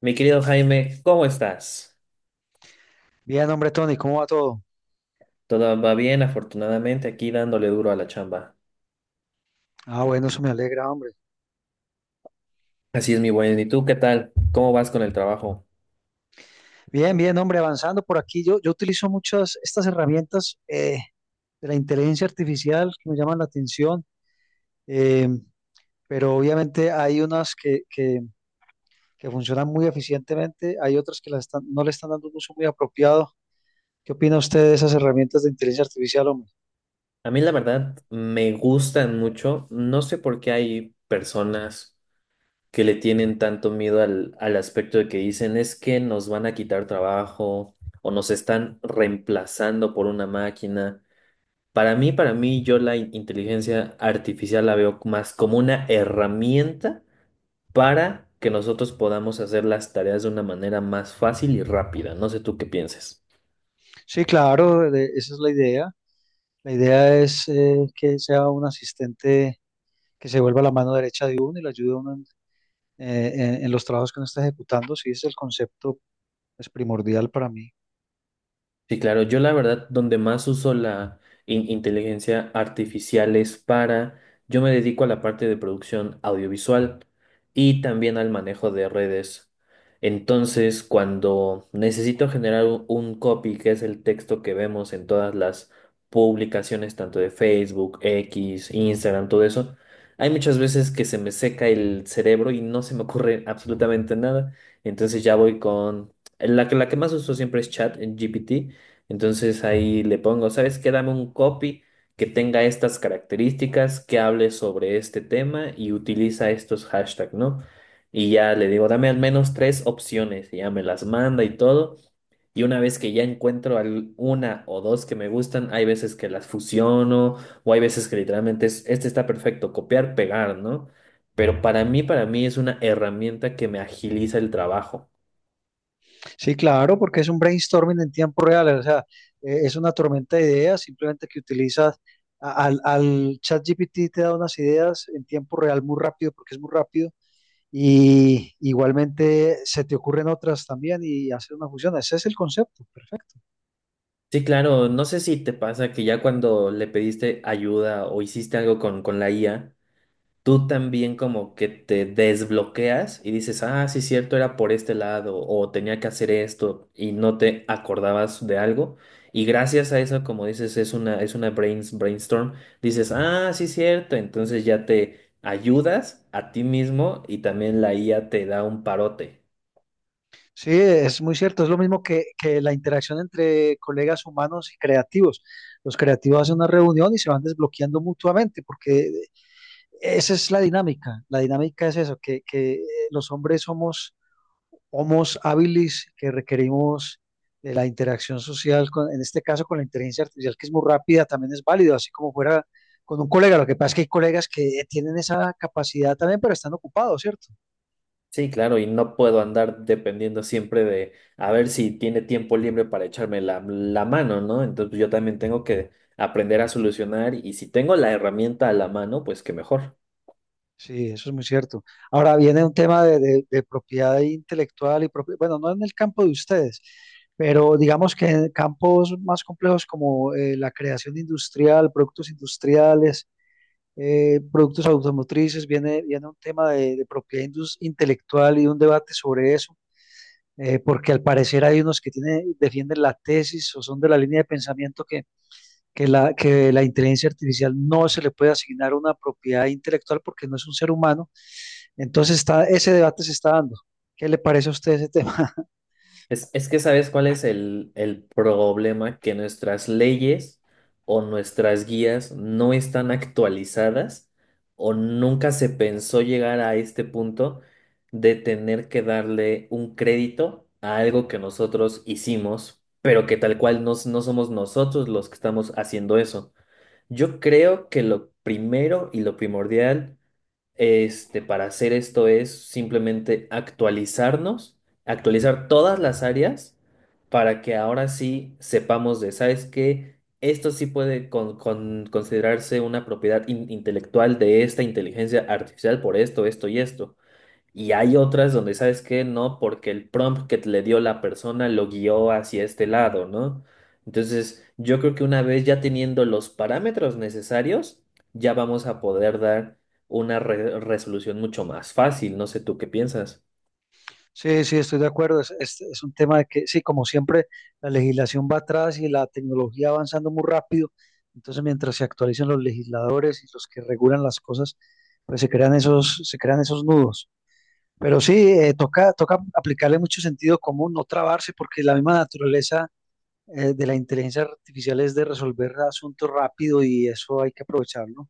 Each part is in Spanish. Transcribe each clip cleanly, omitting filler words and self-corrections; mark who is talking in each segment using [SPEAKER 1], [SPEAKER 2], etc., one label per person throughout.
[SPEAKER 1] Mi querido Jaime, ¿cómo estás?
[SPEAKER 2] Bien, hombre, Tony, ¿cómo va todo?
[SPEAKER 1] Todo va bien, afortunadamente, aquí dándole duro a la chamba.
[SPEAKER 2] Ah, bueno, eso me alegra, hombre.
[SPEAKER 1] Así es, mi buen. ¿Y tú qué tal? ¿Cómo vas con el trabajo?
[SPEAKER 2] Bien, bien, hombre, avanzando por aquí. Yo utilizo muchas estas herramientas de la inteligencia artificial que me llaman la atención, eh, pero obviamente hay unas que que funcionan muy eficientemente, hay otras que las están, no le están dando un uso muy apropiado. ¿Qué opina usted de esas herramientas de inteligencia artificial, hombre?
[SPEAKER 1] A mí, la verdad, me gustan mucho. No sé por qué hay personas que le tienen tanto miedo al aspecto de que dicen es que nos van a quitar trabajo o nos están reemplazando por una máquina. Para mí, yo la inteligencia artificial la veo más como una herramienta para que nosotros podamos hacer las tareas de una manera más fácil y rápida. No sé tú qué pienses.
[SPEAKER 2] Sí, claro, esa es la idea. La idea es que sea un asistente que se vuelva la mano derecha de uno y le ayude a uno en los trabajos que uno está ejecutando, sí, es el concepto es primordial para mí.
[SPEAKER 1] Sí, claro, yo la verdad donde más uso la inteligencia artificial es para, yo me dedico a la parte de producción audiovisual y también al manejo de redes. Entonces, cuando necesito generar un copy, que es el texto que vemos en todas las publicaciones, tanto de Facebook, X, Instagram, todo eso, hay muchas veces que se me seca el cerebro y no se me ocurre absolutamente nada. Entonces ya voy con... La que más uso siempre es Chat en ChatGPT, entonces ahí le pongo, ¿sabes qué? Dame un copy que tenga estas características, que hable sobre este tema y utiliza estos hashtags, ¿no? Y ya le digo, dame al menos tres opciones, y ya me las manda y todo. Y una vez que ya encuentro una o dos que me gustan, hay veces que las fusiono o hay veces que literalmente es, este está perfecto, copiar, pegar, ¿no? Pero para mí es una herramienta que me agiliza el trabajo.
[SPEAKER 2] Sí, claro, porque es un brainstorming en tiempo real, o sea, es una tormenta de ideas, simplemente que utilizas al ChatGPT te da unas ideas en tiempo real muy rápido, porque es muy rápido, y igualmente se te ocurren otras también y hacer una fusión. Ese es el concepto, perfecto.
[SPEAKER 1] Sí, claro, no sé si te pasa que ya cuando le pediste ayuda o hiciste algo con la IA, tú también como que te desbloqueas y dices, ah, sí, cierto, era por este lado o tenía que hacer esto y no te acordabas de algo. Y gracias a eso, como dices, es una brainstorm, dices, ah, sí, cierto, entonces ya te ayudas a ti mismo y también la IA te da un parote.
[SPEAKER 2] Sí, es muy cierto, es lo mismo que la interacción entre colegas humanos y creativos. Los creativos hacen una reunión y se van desbloqueando mutuamente, porque esa es la dinámica. La dinámica es eso, que los hombres somos homos habilis que requerimos de la interacción social, en este caso con la inteligencia artificial, que es muy rápida, también es válido, así como fuera con un colega. Lo que pasa es que hay colegas que tienen esa capacidad también, pero están ocupados, ¿cierto?
[SPEAKER 1] Sí, claro, y no puedo andar dependiendo siempre de a ver si tiene tiempo libre para echarme la mano, ¿no? Entonces pues, yo también tengo que aprender a solucionar y si tengo la herramienta a la mano, pues qué mejor.
[SPEAKER 2] Sí, eso es muy cierto. Ahora viene un tema de, de propiedad intelectual y bueno, no en el campo de ustedes, pero digamos que en campos más complejos como la creación industrial, productos industriales, productos automotrices, viene un tema de propiedad intelectual y un debate sobre eso, porque al parecer hay unos que tienen, defienden la tesis o son de la línea de pensamiento que la inteligencia artificial no se le puede asignar una propiedad intelectual porque no es un ser humano entonces está, ese debate se está dando. ¿Qué le parece a usted ese tema?
[SPEAKER 1] Es que sabes cuál es el problema, que nuestras leyes o nuestras guías no están actualizadas o nunca se pensó llegar a este punto de tener que darle un crédito a algo que nosotros hicimos, pero que tal cual no, no somos nosotros los que estamos haciendo eso. Yo creo que lo primero y lo primordial este, para hacer esto es simplemente actualizarnos, actualizar todas las áreas para que ahora sí sepamos de, ¿sabes qué? Esto sí puede considerarse una propiedad intelectual de esta inteligencia artificial por esto, esto y esto. Y hay otras donde, ¿sabes que no? Porque el prompt que le dio la persona lo guió hacia este lado, ¿no? Entonces, yo creo que una vez ya teniendo los parámetros necesarios, ya vamos a poder dar una resolución mucho más fácil. No sé tú qué piensas.
[SPEAKER 2] Sí, sí, estoy de acuerdo. Es, es un tema de que, sí, como siempre, la legislación va atrás y la tecnología va avanzando muy rápido. Entonces, mientras se actualizan los legisladores y los que regulan las cosas, pues se crean esos nudos. Pero sí, toca, toca aplicarle mucho sentido común, no trabarse, porque la misma naturaleza, de la inteligencia artificial es de resolver asuntos rápido y eso hay que aprovecharlo.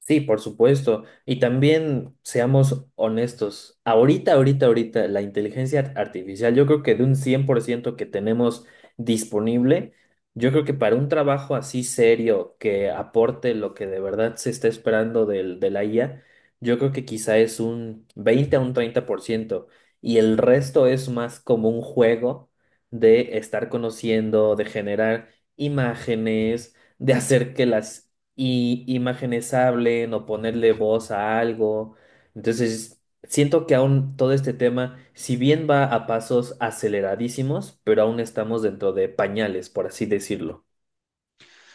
[SPEAKER 1] Sí, por supuesto. Y también seamos honestos. Ahorita, la inteligencia artificial, yo creo que de un 100% que tenemos disponible, yo creo que para un trabajo así serio que aporte lo que de verdad se está esperando del, de la IA, yo creo que quizá es un 20 a un 30%. Y el resto es más como un juego de estar conociendo, de generar imágenes, de hacer que las y imágenes hablen o ponerle voz a algo. Entonces, siento que aún todo este tema, si bien va a pasos aceleradísimos, pero aún estamos dentro de pañales, por así decirlo.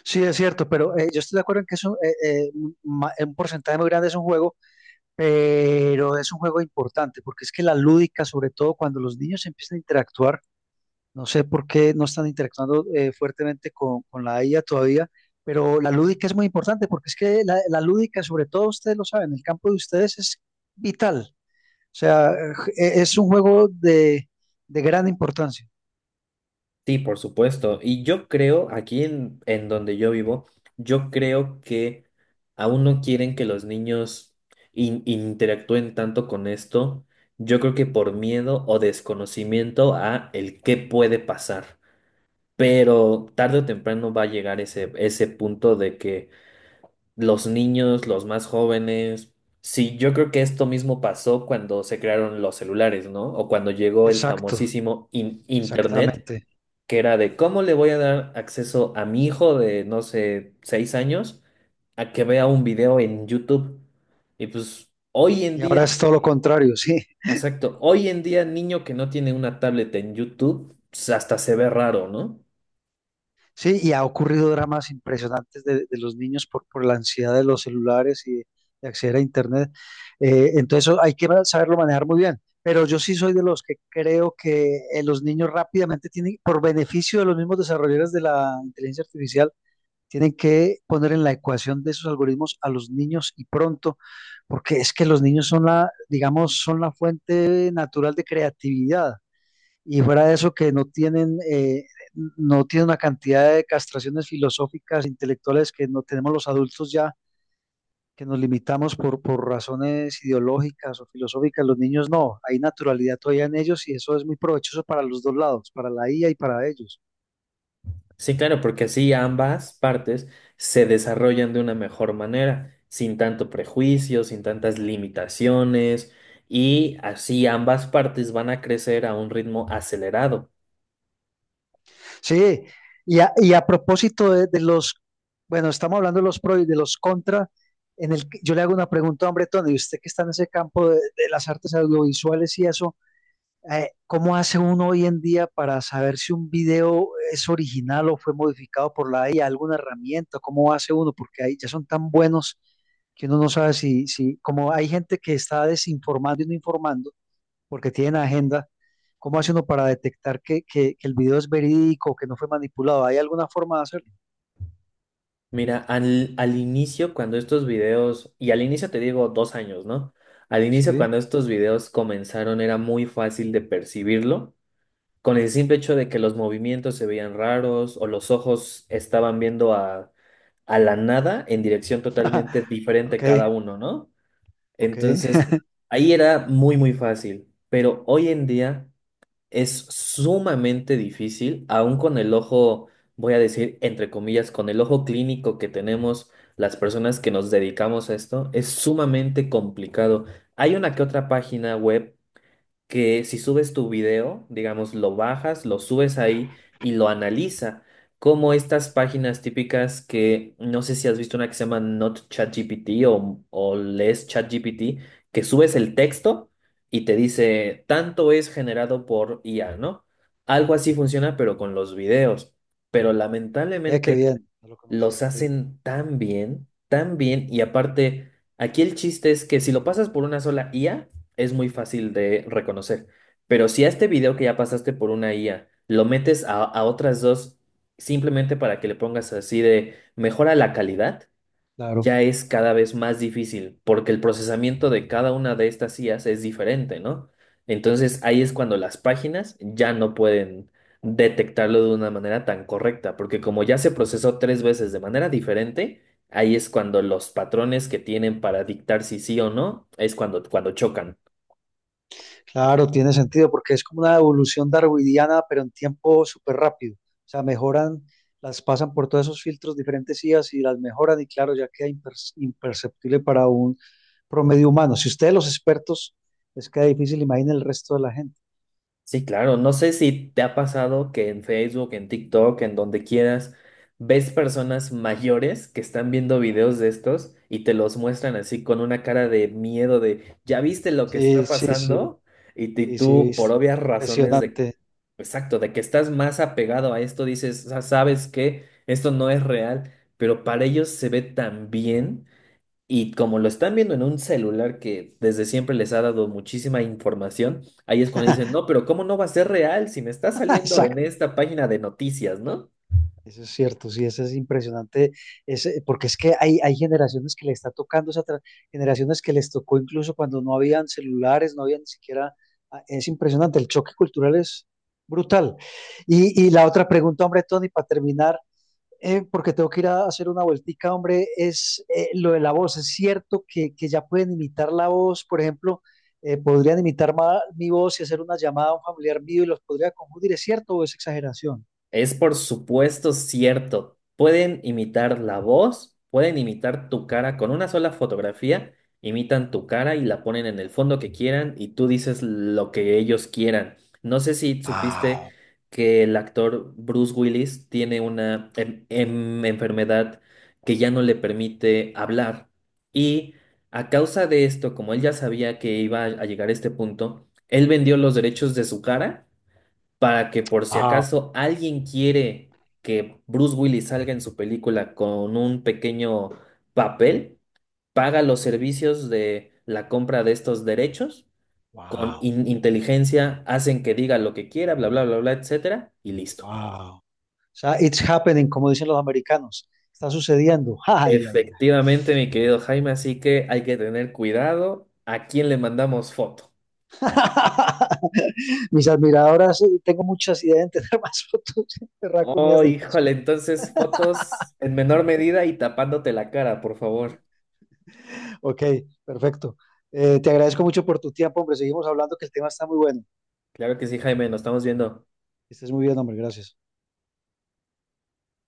[SPEAKER 2] Sí, es cierto, pero yo estoy de acuerdo en que es un, un porcentaje muy grande es un juego, pero es un juego importante, porque es que la lúdica, sobre todo cuando los niños empiezan a interactuar, no sé por qué no están interactuando fuertemente con la IA todavía, pero la lúdica es muy importante, porque es que la lúdica, sobre todo ustedes lo saben, el campo de ustedes es vital, o sea, es un juego de gran importancia.
[SPEAKER 1] Sí, por supuesto. Y yo creo, aquí en donde yo vivo, yo creo que aún no quieren que los niños interactúen tanto con esto. Yo creo que por miedo o desconocimiento a el qué puede pasar. Pero tarde o temprano va a llegar ese punto de que los niños, los más jóvenes, sí, yo creo que esto mismo pasó cuando se crearon los celulares, ¿no? O cuando llegó el
[SPEAKER 2] Exacto,
[SPEAKER 1] famosísimo Internet,
[SPEAKER 2] exactamente.
[SPEAKER 1] que era de cómo le voy a dar acceso a mi hijo de, no sé, 6 años a que vea un video en YouTube. Y pues hoy en
[SPEAKER 2] Y
[SPEAKER 1] día,
[SPEAKER 2] ahora es todo lo contrario, sí.
[SPEAKER 1] exacto, hoy en día niño que no tiene una tablet en YouTube, pues, hasta se ve raro, ¿no?
[SPEAKER 2] Sí, y ha ocurrido dramas impresionantes de los niños por la ansiedad de los celulares y de, acceder a Internet. Entonces eso hay que saberlo manejar muy bien. Pero yo sí soy de los que creo que los niños rápidamente tienen, por beneficio de los mismos desarrolladores de la inteligencia artificial, tienen que poner en la ecuación de esos algoritmos a los niños y pronto, porque es que los niños son la, digamos, son la fuente natural de creatividad. Y fuera de eso, que no tienen, no tienen una cantidad de castraciones filosóficas, intelectuales que no tenemos los adultos ya, que nos limitamos por razones ideológicas o filosóficas. Los niños no, hay naturalidad todavía en ellos y eso es muy provechoso para los dos lados, para la IA y para ellos.
[SPEAKER 1] Sí, claro, porque así ambas partes se desarrollan de una mejor manera, sin tanto prejuicio, sin tantas limitaciones, y así ambas partes van a crecer a un ritmo acelerado.
[SPEAKER 2] Sí, y a propósito de, los, bueno, estamos hablando de los pro y de los contra. En el, yo le hago una pregunta, hombre, Tony, y usted que está en ese campo de las artes audiovisuales y eso, ¿cómo hace uno hoy en día para saber si un video es original o fue modificado por la IA, alguna herramienta? ¿Cómo hace uno? Porque ahí ya son tan buenos que uno no sabe si, si, como hay gente que está desinformando y no informando porque tienen agenda, ¿cómo hace uno para detectar que el video es verídico, que no fue manipulado? ¿Hay alguna forma de hacerlo?
[SPEAKER 1] Mira, al inicio, cuando estos videos, y al inicio te digo 2 años, ¿no? Al inicio,
[SPEAKER 2] Sí.
[SPEAKER 1] cuando estos videos comenzaron, era muy fácil de percibirlo, con el simple hecho de que los movimientos se veían raros o los ojos estaban viendo a la nada en dirección totalmente
[SPEAKER 2] Ok,
[SPEAKER 1] diferente cada uno, ¿no?
[SPEAKER 2] ok.
[SPEAKER 1] Entonces, ahí era muy fácil, pero hoy en día es sumamente difícil, aún con el ojo, voy a decir, entre comillas, con el ojo clínico que tenemos las personas que nos dedicamos a esto, es sumamente complicado. Hay una que otra página web que si subes tu video, digamos, lo bajas, lo subes ahí y lo analiza, como estas páginas típicas que no sé si has visto una que se llama Not ChatGPT o lees ChatGPT, que subes el texto y te dice, tanto es generado por IA, ¿no? Algo así funciona, pero con los videos. Pero
[SPEAKER 2] Qué
[SPEAKER 1] lamentablemente
[SPEAKER 2] bien, no lo
[SPEAKER 1] los
[SPEAKER 2] conocía, qué bien.
[SPEAKER 1] hacen tan bien, y aparte, aquí el chiste es que si lo pasas por una sola IA, es muy fácil de reconocer, pero si a este video que ya pasaste por una IA, lo metes a otras dos simplemente para que le pongas así de mejora la calidad,
[SPEAKER 2] Claro.
[SPEAKER 1] ya es cada vez más difícil, porque el procesamiento de cada una de estas IAs es diferente, ¿no? Entonces ahí es cuando las páginas ya no pueden detectarlo de una manera tan correcta, porque como ya se procesó 3 veces de manera diferente, ahí es cuando los patrones que tienen para dictar si sí o no, es cuando, cuando chocan.
[SPEAKER 2] Claro, tiene sentido porque es como una evolución darwiniana, pero en tiempo súper rápido. O sea, mejoran, las pasan por todos esos filtros diferentes IAs y las mejoran y claro, ya queda imperceptible para un promedio humano. Si ustedes los expertos, les queda difícil, imaginen el resto de la gente.
[SPEAKER 1] Sí, claro. No sé si te ha pasado que en Facebook, en TikTok, en donde quieras, ves personas mayores que están viendo videos de estos y te los muestran así con una cara de miedo de, ¿ya viste lo que
[SPEAKER 2] Sí,
[SPEAKER 1] está
[SPEAKER 2] sí, sí,
[SPEAKER 1] pasando? Y,
[SPEAKER 2] sí, he
[SPEAKER 1] tú, por
[SPEAKER 2] visto.
[SPEAKER 1] obvias razones de,
[SPEAKER 2] Impresionante.
[SPEAKER 1] exacto, de que estás más apegado a esto, dices, "Sa- ¿sabes qué? Esto no es real, pero para ellos se ve tan bien. Y como lo están viendo en un celular que desde siempre les ha dado muchísima información, ahí es cuando dicen, no, pero ¿cómo no va a ser real si me está saliendo en
[SPEAKER 2] Exacto.
[SPEAKER 1] esta página de noticias, ¿no?
[SPEAKER 2] Eso es cierto, sí, eso es impresionante, porque es que hay generaciones que le está tocando, generaciones que les tocó incluso cuando no habían celulares, no había ni siquiera, ah, es impresionante, el choque cultural es brutal. Y la otra pregunta, hombre, Tony, para terminar, porque tengo que ir a hacer una vueltica, hombre, es lo de la voz, ¿es cierto que ya pueden imitar la voz, por ejemplo, podrían imitar mi voz y hacer una llamada a un familiar mío y los podría confundir, ¿es cierto o es exageración?
[SPEAKER 1] Es por supuesto cierto. Pueden imitar la voz, pueden imitar tu cara. Con una sola fotografía, imitan tu cara y la ponen en el fondo que quieran y tú dices lo que ellos quieran. No sé si supiste que el actor Bruce Willis tiene una enfermedad que ya no le permite hablar. Y a causa de esto, como él ya sabía que iba a llegar a este punto, él vendió los derechos de su cara para que por si
[SPEAKER 2] Ah,
[SPEAKER 1] acaso alguien quiere que Bruce Willis salga en su película con un pequeño papel, paga los servicios de la compra de estos derechos, con
[SPEAKER 2] wow,
[SPEAKER 1] inteligencia hacen que diga lo que quiera, bla, bla, bla, bla, etcétera, y listo.
[SPEAKER 2] wow. O sea, it's happening, como dicen los americanos. Está sucediendo. Ay, ay, ay.
[SPEAKER 1] Efectivamente, mi querido Jaime, así que hay que tener cuidado a quién le mandamos foto.
[SPEAKER 2] Mis admiradoras, tengo muchas ideas de entender más fotos de comidas
[SPEAKER 1] Oh,
[SPEAKER 2] del pasado.
[SPEAKER 1] híjole, entonces fotos en menor medida y tapándote la cara, por favor.
[SPEAKER 2] Ok, perfecto. Te agradezco mucho por tu tiempo, hombre. Seguimos hablando que el tema está muy bueno.
[SPEAKER 1] Claro que sí, Jaime, nos estamos viendo.
[SPEAKER 2] Que estés muy bien, hombre. Gracias.